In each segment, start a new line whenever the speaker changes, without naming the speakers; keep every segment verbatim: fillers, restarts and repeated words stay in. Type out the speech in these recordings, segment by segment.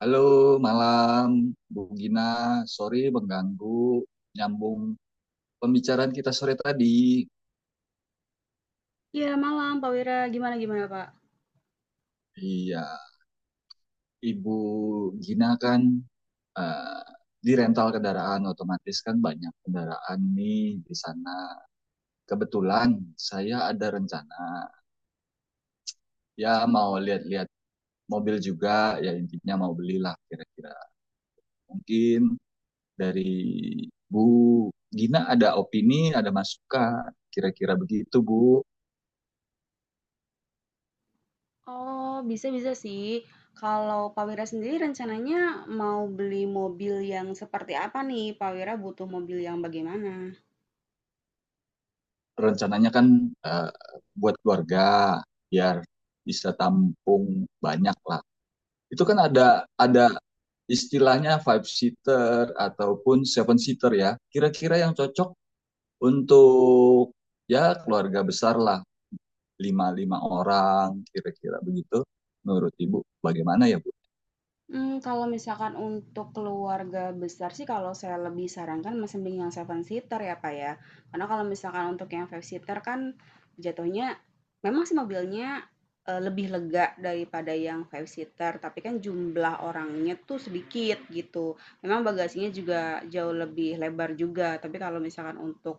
Halo, malam Bu Gina. Sorry mengganggu nyambung pembicaraan kita sore tadi.
Iya, malam Pak Wira, gimana gimana Pak?
Iya, Ibu Gina kan eh, di rental kendaraan otomatis kan banyak kendaraan nih di sana. Kebetulan saya ada rencana ya mau lihat-lihat mobil juga ya intinya mau belilah kira-kira. Mungkin dari Bu Gina ada opini, ada masukan kira-kira begitu Bu.
Oh, bisa bisa sih, kalau Pak Wira sendiri rencananya mau beli mobil yang seperti apa nih? Pak Wira butuh mobil yang bagaimana?
rencananya kan eh, buat keluarga biar bisa tampung banyak lah. Itu kan ada ada istilahnya five seater ataupun seven seater ya. Kira-kira yang cocok untuk ya keluarga besar lah, lima lima orang kira-kira begitu. Menurut Ibu bagaimana ya Bu?
Mmm, kalau misalkan untuk keluarga besar sih, kalau saya lebih sarankan masih mending yang seven seater ya, Pak ya. Karena kalau misalkan untuk yang five seater kan jatuhnya memang sih mobilnya, eee, lebih lega daripada yang five seater, tapi kan jumlah orangnya tuh sedikit gitu. Memang bagasinya juga jauh lebih lebar juga, tapi kalau misalkan untuk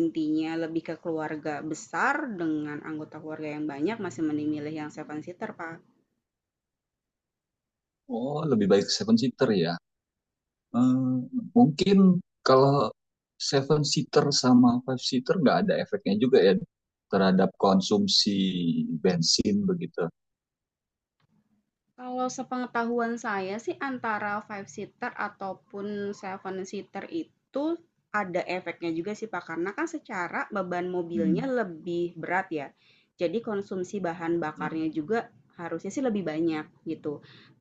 intinya lebih ke keluarga besar dengan anggota keluarga yang banyak, masih mending milih yang seven seater, Pak.
Oh, lebih baik seven seater ya. Eh, Mungkin kalau seven seater sama five seater nggak ada efeknya juga ya terhadap konsumsi bensin begitu.
Kalau sepengetahuan saya sih, antara five seater ataupun seven seater itu ada efeknya juga sih Pak, karena kan secara beban mobilnya
Hmm.
lebih berat ya. Jadi konsumsi bahan
Hmm.
bakarnya juga harusnya sih lebih banyak gitu.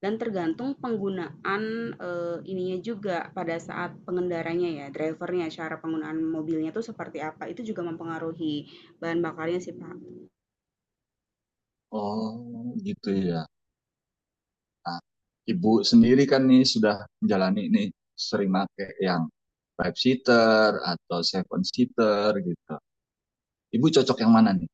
Dan tergantung penggunaan eh, ininya juga, pada saat pengendaranya ya, drivernya, cara penggunaan mobilnya tuh seperti apa, itu juga mempengaruhi bahan bakarnya sih, Pak.
Oh, gitu ya. Nah, ibu sendiri kan nih sudah menjalani nih sering pakai yang five seater atau seven seater gitu. Ibu cocok yang mana nih?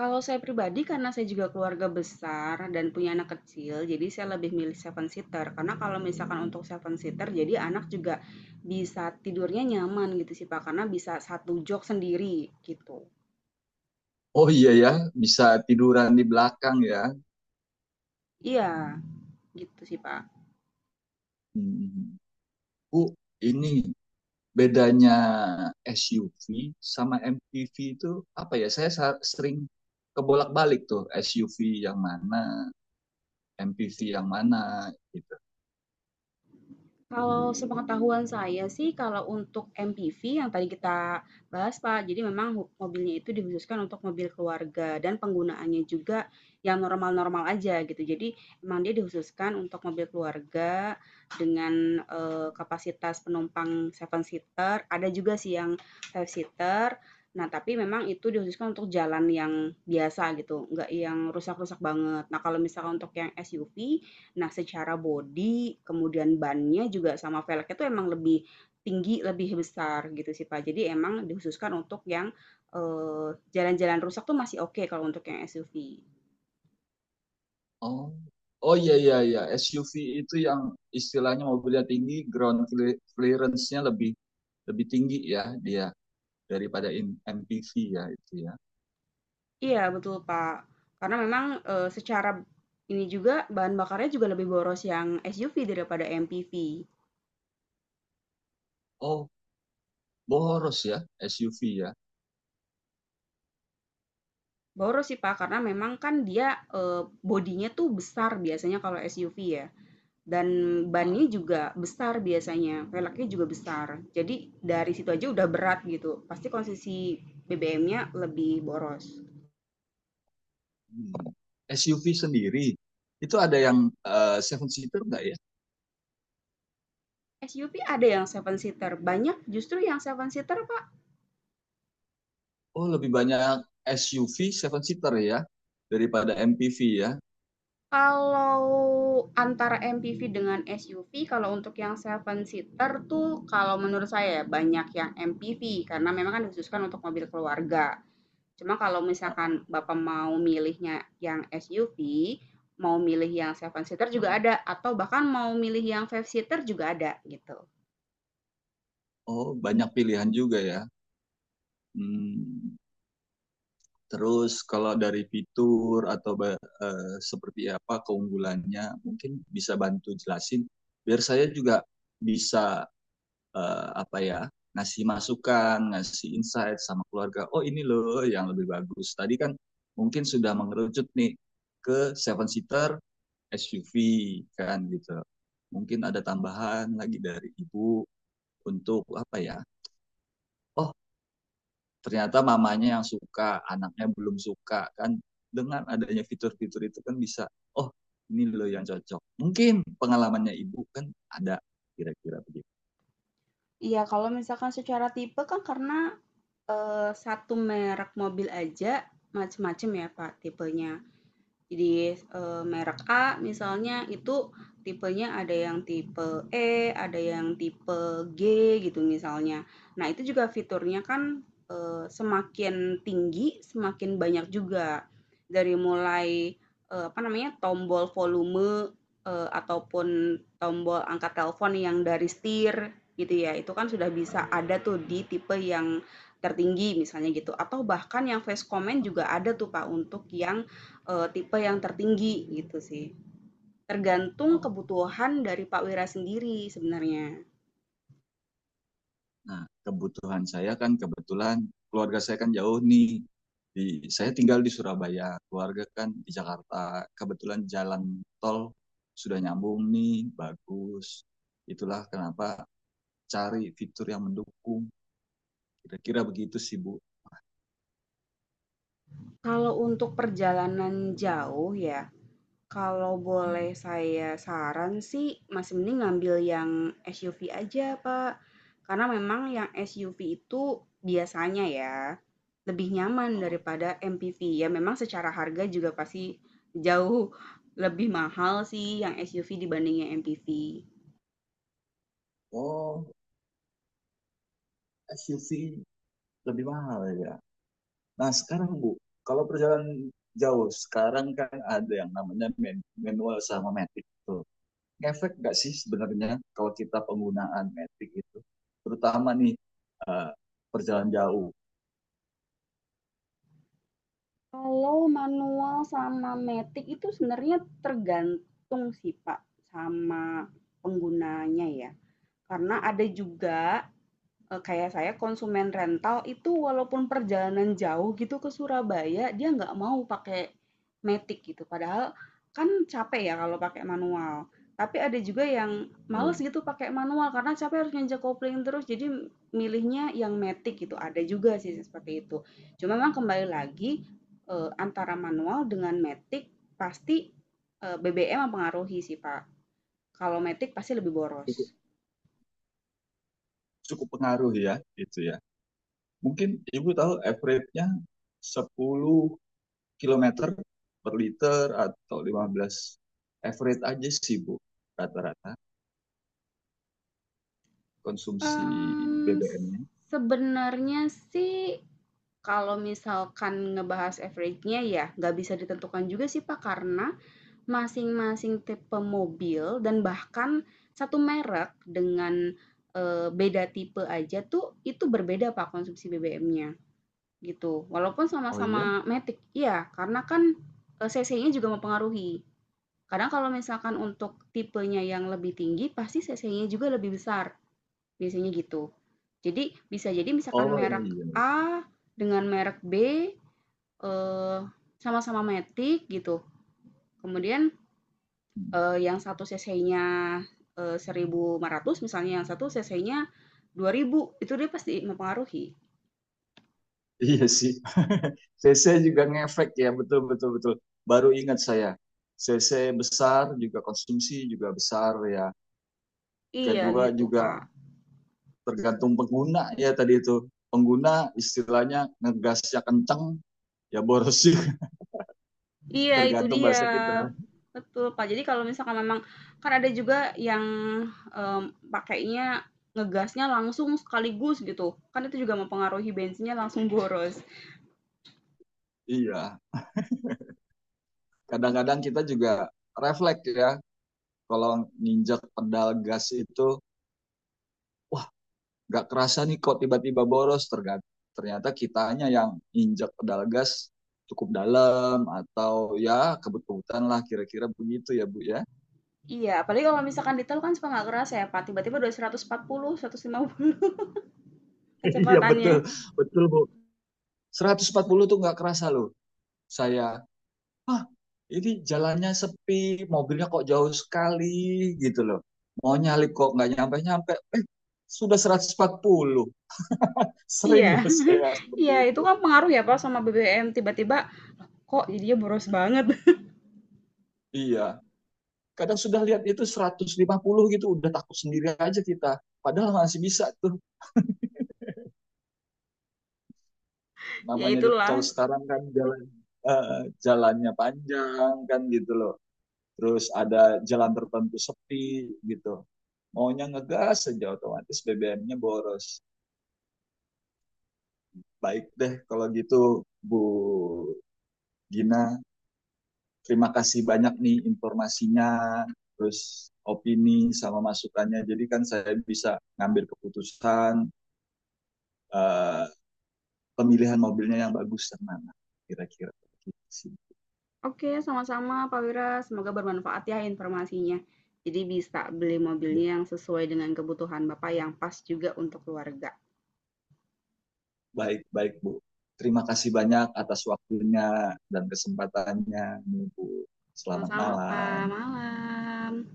Kalau saya pribadi, karena saya juga keluarga besar dan punya anak kecil, jadi saya lebih milih seven seater. Karena kalau misalkan untuk seven seater, jadi anak juga bisa tidurnya nyaman gitu sih Pak, karena bisa satu jok sendiri gitu.
Oh iya ya, bisa tiduran di belakang ya.
Iya, gitu sih Pak.
Hmm. Bu, ini bedanya S U V sama M P V itu apa ya? Saya sa- sering kebolak-balik tuh S U V yang mana, M P V yang mana gitu.
Kalau sepengetahuan saya sih, kalau untuk M P V yang tadi kita bahas, Pak, jadi memang hu mobilnya itu dikhususkan untuk mobil keluarga, dan penggunaannya juga yang normal-normal aja gitu. Jadi emang dia dikhususkan untuk mobil keluarga dengan, eee, kapasitas penumpang seven seater, ada juga sih yang five seater. Nah, tapi memang itu dikhususkan untuk jalan yang biasa gitu, nggak yang rusak-rusak banget. Nah, kalau misalkan untuk yang S U V, nah, secara body kemudian bannya juga sama velgnya itu emang lebih tinggi, lebih besar gitu sih, Pak. Jadi emang dikhususkan untuk yang, eee, jalan-jalan eh, rusak tuh masih oke kalau untuk yang S U V.
Oh, oh iya iya iya S U V itu yang istilahnya mobilnya tinggi, ground cle- clearance-nya lebih lebih tinggi ya dia daripada in- M P V ya itu ya.
Iya, betul, Pak. Karena memang, eee, secara ini juga bahan bakarnya juga lebih boros yang S U V daripada M P V.
Oh, boros ya S U V ya.
Boros sih, Pak, karena memang kan dia, eee, bodinya tuh besar biasanya kalau S U V ya. Dan
Ah,
bannya juga besar biasanya, velgnya juga besar. Jadi dari situ aja udah berat gitu. Pasti konsumsi B B M-nya lebih boros.
hmm. S U V sendiri itu ada yang eh, seven seater nggak ya?
S U V ada yang seven seater, banyak justru yang seven seater, Pak.
Oh, lebih banyak S U V seven seater ya daripada M P V ya.
Kalau antara M P V dengan S U V, kalau untuk yang seven seater tuh kalau menurut saya ya, banyak yang M P V karena memang kan dikhususkan untuk mobil keluarga. Cuma kalau misalkan Bapak mau milihnya yang S U V, mau milih yang seven seater juga ada, atau bahkan mau milih yang five seater juga ada, gitu.
Oh, banyak pilihan juga ya. Hmm. Terus kalau dari fitur atau ba- eh, seperti apa keunggulannya, mungkin bisa bantu jelasin biar saya juga bisa eh, apa ya ngasih masukan, ngasih insight sama keluarga. Oh, ini loh yang lebih bagus. Tadi kan mungkin sudah mengerucut nih ke seven seater S U V kan gitu. Mungkin ada tambahan lagi dari ibu untuk apa ya? Oh, ternyata mamanya yang suka, anaknya belum suka kan. Dengan adanya fitur-fitur itu kan bisa, oh, ini loh yang cocok. Mungkin pengalamannya ibu kan ada kira-kira begitu.
Iya, kalau misalkan secara tipe kan karena Eee, satu merek mobil aja macem-macem ya, Pak, tipenya. Jadi, eee, merek A misalnya itu tipenya ada yang tipe E, ada yang tipe G gitu misalnya. Nah itu juga fiturnya kan, eee, semakin tinggi semakin banyak juga. Dari mulai, eee, apa namanya, tombol volume, eee, ataupun tombol angkat telepon yang dari setir gitu ya, itu kan sudah
Nah,
bisa ada tuh di tipe yang tertinggi misalnya gitu, atau bahkan yang voice command
gitu.
juga ada tuh Pak untuk yang Eee, tipe yang tertinggi gitu sih. Tergantung
Oh.
kebutuhan dari Pak Wira sendiri sebenarnya.
Nah, kebutuhan saya kan kebetulan keluarga saya kan jauh nih. Di, saya tinggal di Surabaya, keluarga kan di Jakarta. Kebetulan jalan tol sudah nyambung nih, bagus. Itulah kenapa cari fitur yang mendukung. Kira-kira begitu sih, Bu.
Kalau untuk perjalanan jauh ya, kalau
Hmm.
boleh saya saran sih masih mending ngambil yang S U V aja, Pak. Karena memang yang S U V itu biasanya ya, lebih nyaman
Oh,
daripada M P V. Ya memang secara harga juga pasti jauh lebih mahal sih yang S U V dibanding yang M P V.
oh, S U V lebih mahal ya. Nah, sekarang Bu, kalau perjalanan jauh, sekarang kan ada yang namanya manual sama matic tuh. Ngefek nggak sih sebenarnya kalau kita penggunaan matic itu terutama nih eh, perjalanan jauh.
Kalau manual sama matic itu sebenarnya tergantung sih, Pak, sama penggunanya ya. Karena ada juga Eee, kayak saya konsumen rental itu walaupun perjalanan jauh gitu ke Surabaya, dia nggak mau pakai matic gitu, padahal kan capek ya kalau pakai manual. Tapi ada juga yang males
Nih,
gitu pakai manual karena capek harus nginjek kopling terus, jadi milihnya yang matic gitu, ada juga sih seperti itu. Cuma memang kembali lagi, eee, antara manual dengan matic pasti, eee, B B M mempengaruhi sih, Pak. Kalau matic pasti lebih boros.
cukup cukup pengaruh ya itu ya, mungkin ibu tahu average-nya sepuluh kilometer per liter atau lima belas average aja sih bu, rata-rata konsumsi
Mmm, s
B B M-nya.
sebenarnya sih kalau misalkan ngebahas average-nya ya nggak bisa ditentukan juga sih, Pak, karena masing-masing tipe mobil dan bahkan satu merek dengan, eee, beda tipe aja tuh itu berbeda, Pak, konsumsi B B M-nya gitu. Walaupun
Oh iya,
sama-sama matic iya, karena kan, eee, cc-nya juga mempengaruhi. Kadang kalau misalkan untuk tipenya yang lebih tinggi pasti cc-nya juga lebih besar, biasanya gitu. Jadi bisa jadi misalkan
oh
merek
iya iya.
A dengan merek B, eee, sama-sama matic gitu, kemudian,
Hmm.
eee, yang satu cc-nya, eh, seribu eee, ratus misalnya, yang satu cc-nya dua ribu, itu dia pasti mempengaruhi.
Iya sih. C C juga ngefek ya, betul betul betul. Baru ingat saya. C C besar juga konsumsi juga besar ya.
Iya
Kedua
gitu,
juga
Pak.
tergantung pengguna ya tadi itu. Pengguna istilahnya ngegasnya kenceng ya boros sih.
Iya itu
Tergantung
dia.
bahasa kita.
Betul, Pak. Jadi kalau misalkan memang kan ada juga yang, mmm, pakainya ngegasnya langsung sekaligus gitu, kan itu juga mempengaruhi bensinnya langsung boros.
Iya. Kadang-kadang kita juga refleks ya kalau nginjak pedal gas itu nggak kerasa nih kok tiba-tiba boros terga- ternyata kitanya yang injak pedal gas cukup dalam atau ya kebetulan lah kira-kira begitu ya Bu ya.
Iya, apalagi kalau misalkan di tol kan suka nggak kerasa ya, Pak, tiba-tiba udah seratus seratus empat puluh, seratus lima puluh
Iya
kecepatannya.
betul, betul Bu. seratus empat puluh tuh nggak kerasa loh saya. Ah, ini jalannya sepi, mobilnya kok jauh sekali gitu loh. Mau nyalip kok nggak nyampe-nyampe. Eh, sudah seratus empat puluh.
Iya,
Sering loh saya seperti
iya itu
itu.
kan pengaruh ya, Pak, sama B B M, tiba-tiba kok jadinya boros banget.
Iya. Kadang sudah lihat itu seratus lima puluh gitu udah takut sendiri aja kita padahal masih bisa tuh,
Ya
namanya di tol
itulah.
sekarang kan jalan eh, jalannya panjang kan gitu loh, terus ada jalan tertentu sepi gitu maunya ngegas aja otomatis B B M-nya boros. Baik deh kalau gitu Bu Gina, terima kasih banyak nih informasinya terus opini sama masukannya, jadi kan saya bisa ngambil keputusan eh, pemilihan mobilnya yang bagus yang mana kira-kira.
Oke, sama-sama Pak Wira, semoga bermanfaat ya informasinya. Jadi bisa beli
Ya,
mobilnya yang sesuai dengan kebutuhan Bapak yang pas juga untuk keluarga.
baik baik Bu, terima kasih banyak atas waktunya dan kesempatannya Bu. Selamat
Sama-sama, Pak.
malam.
Malam.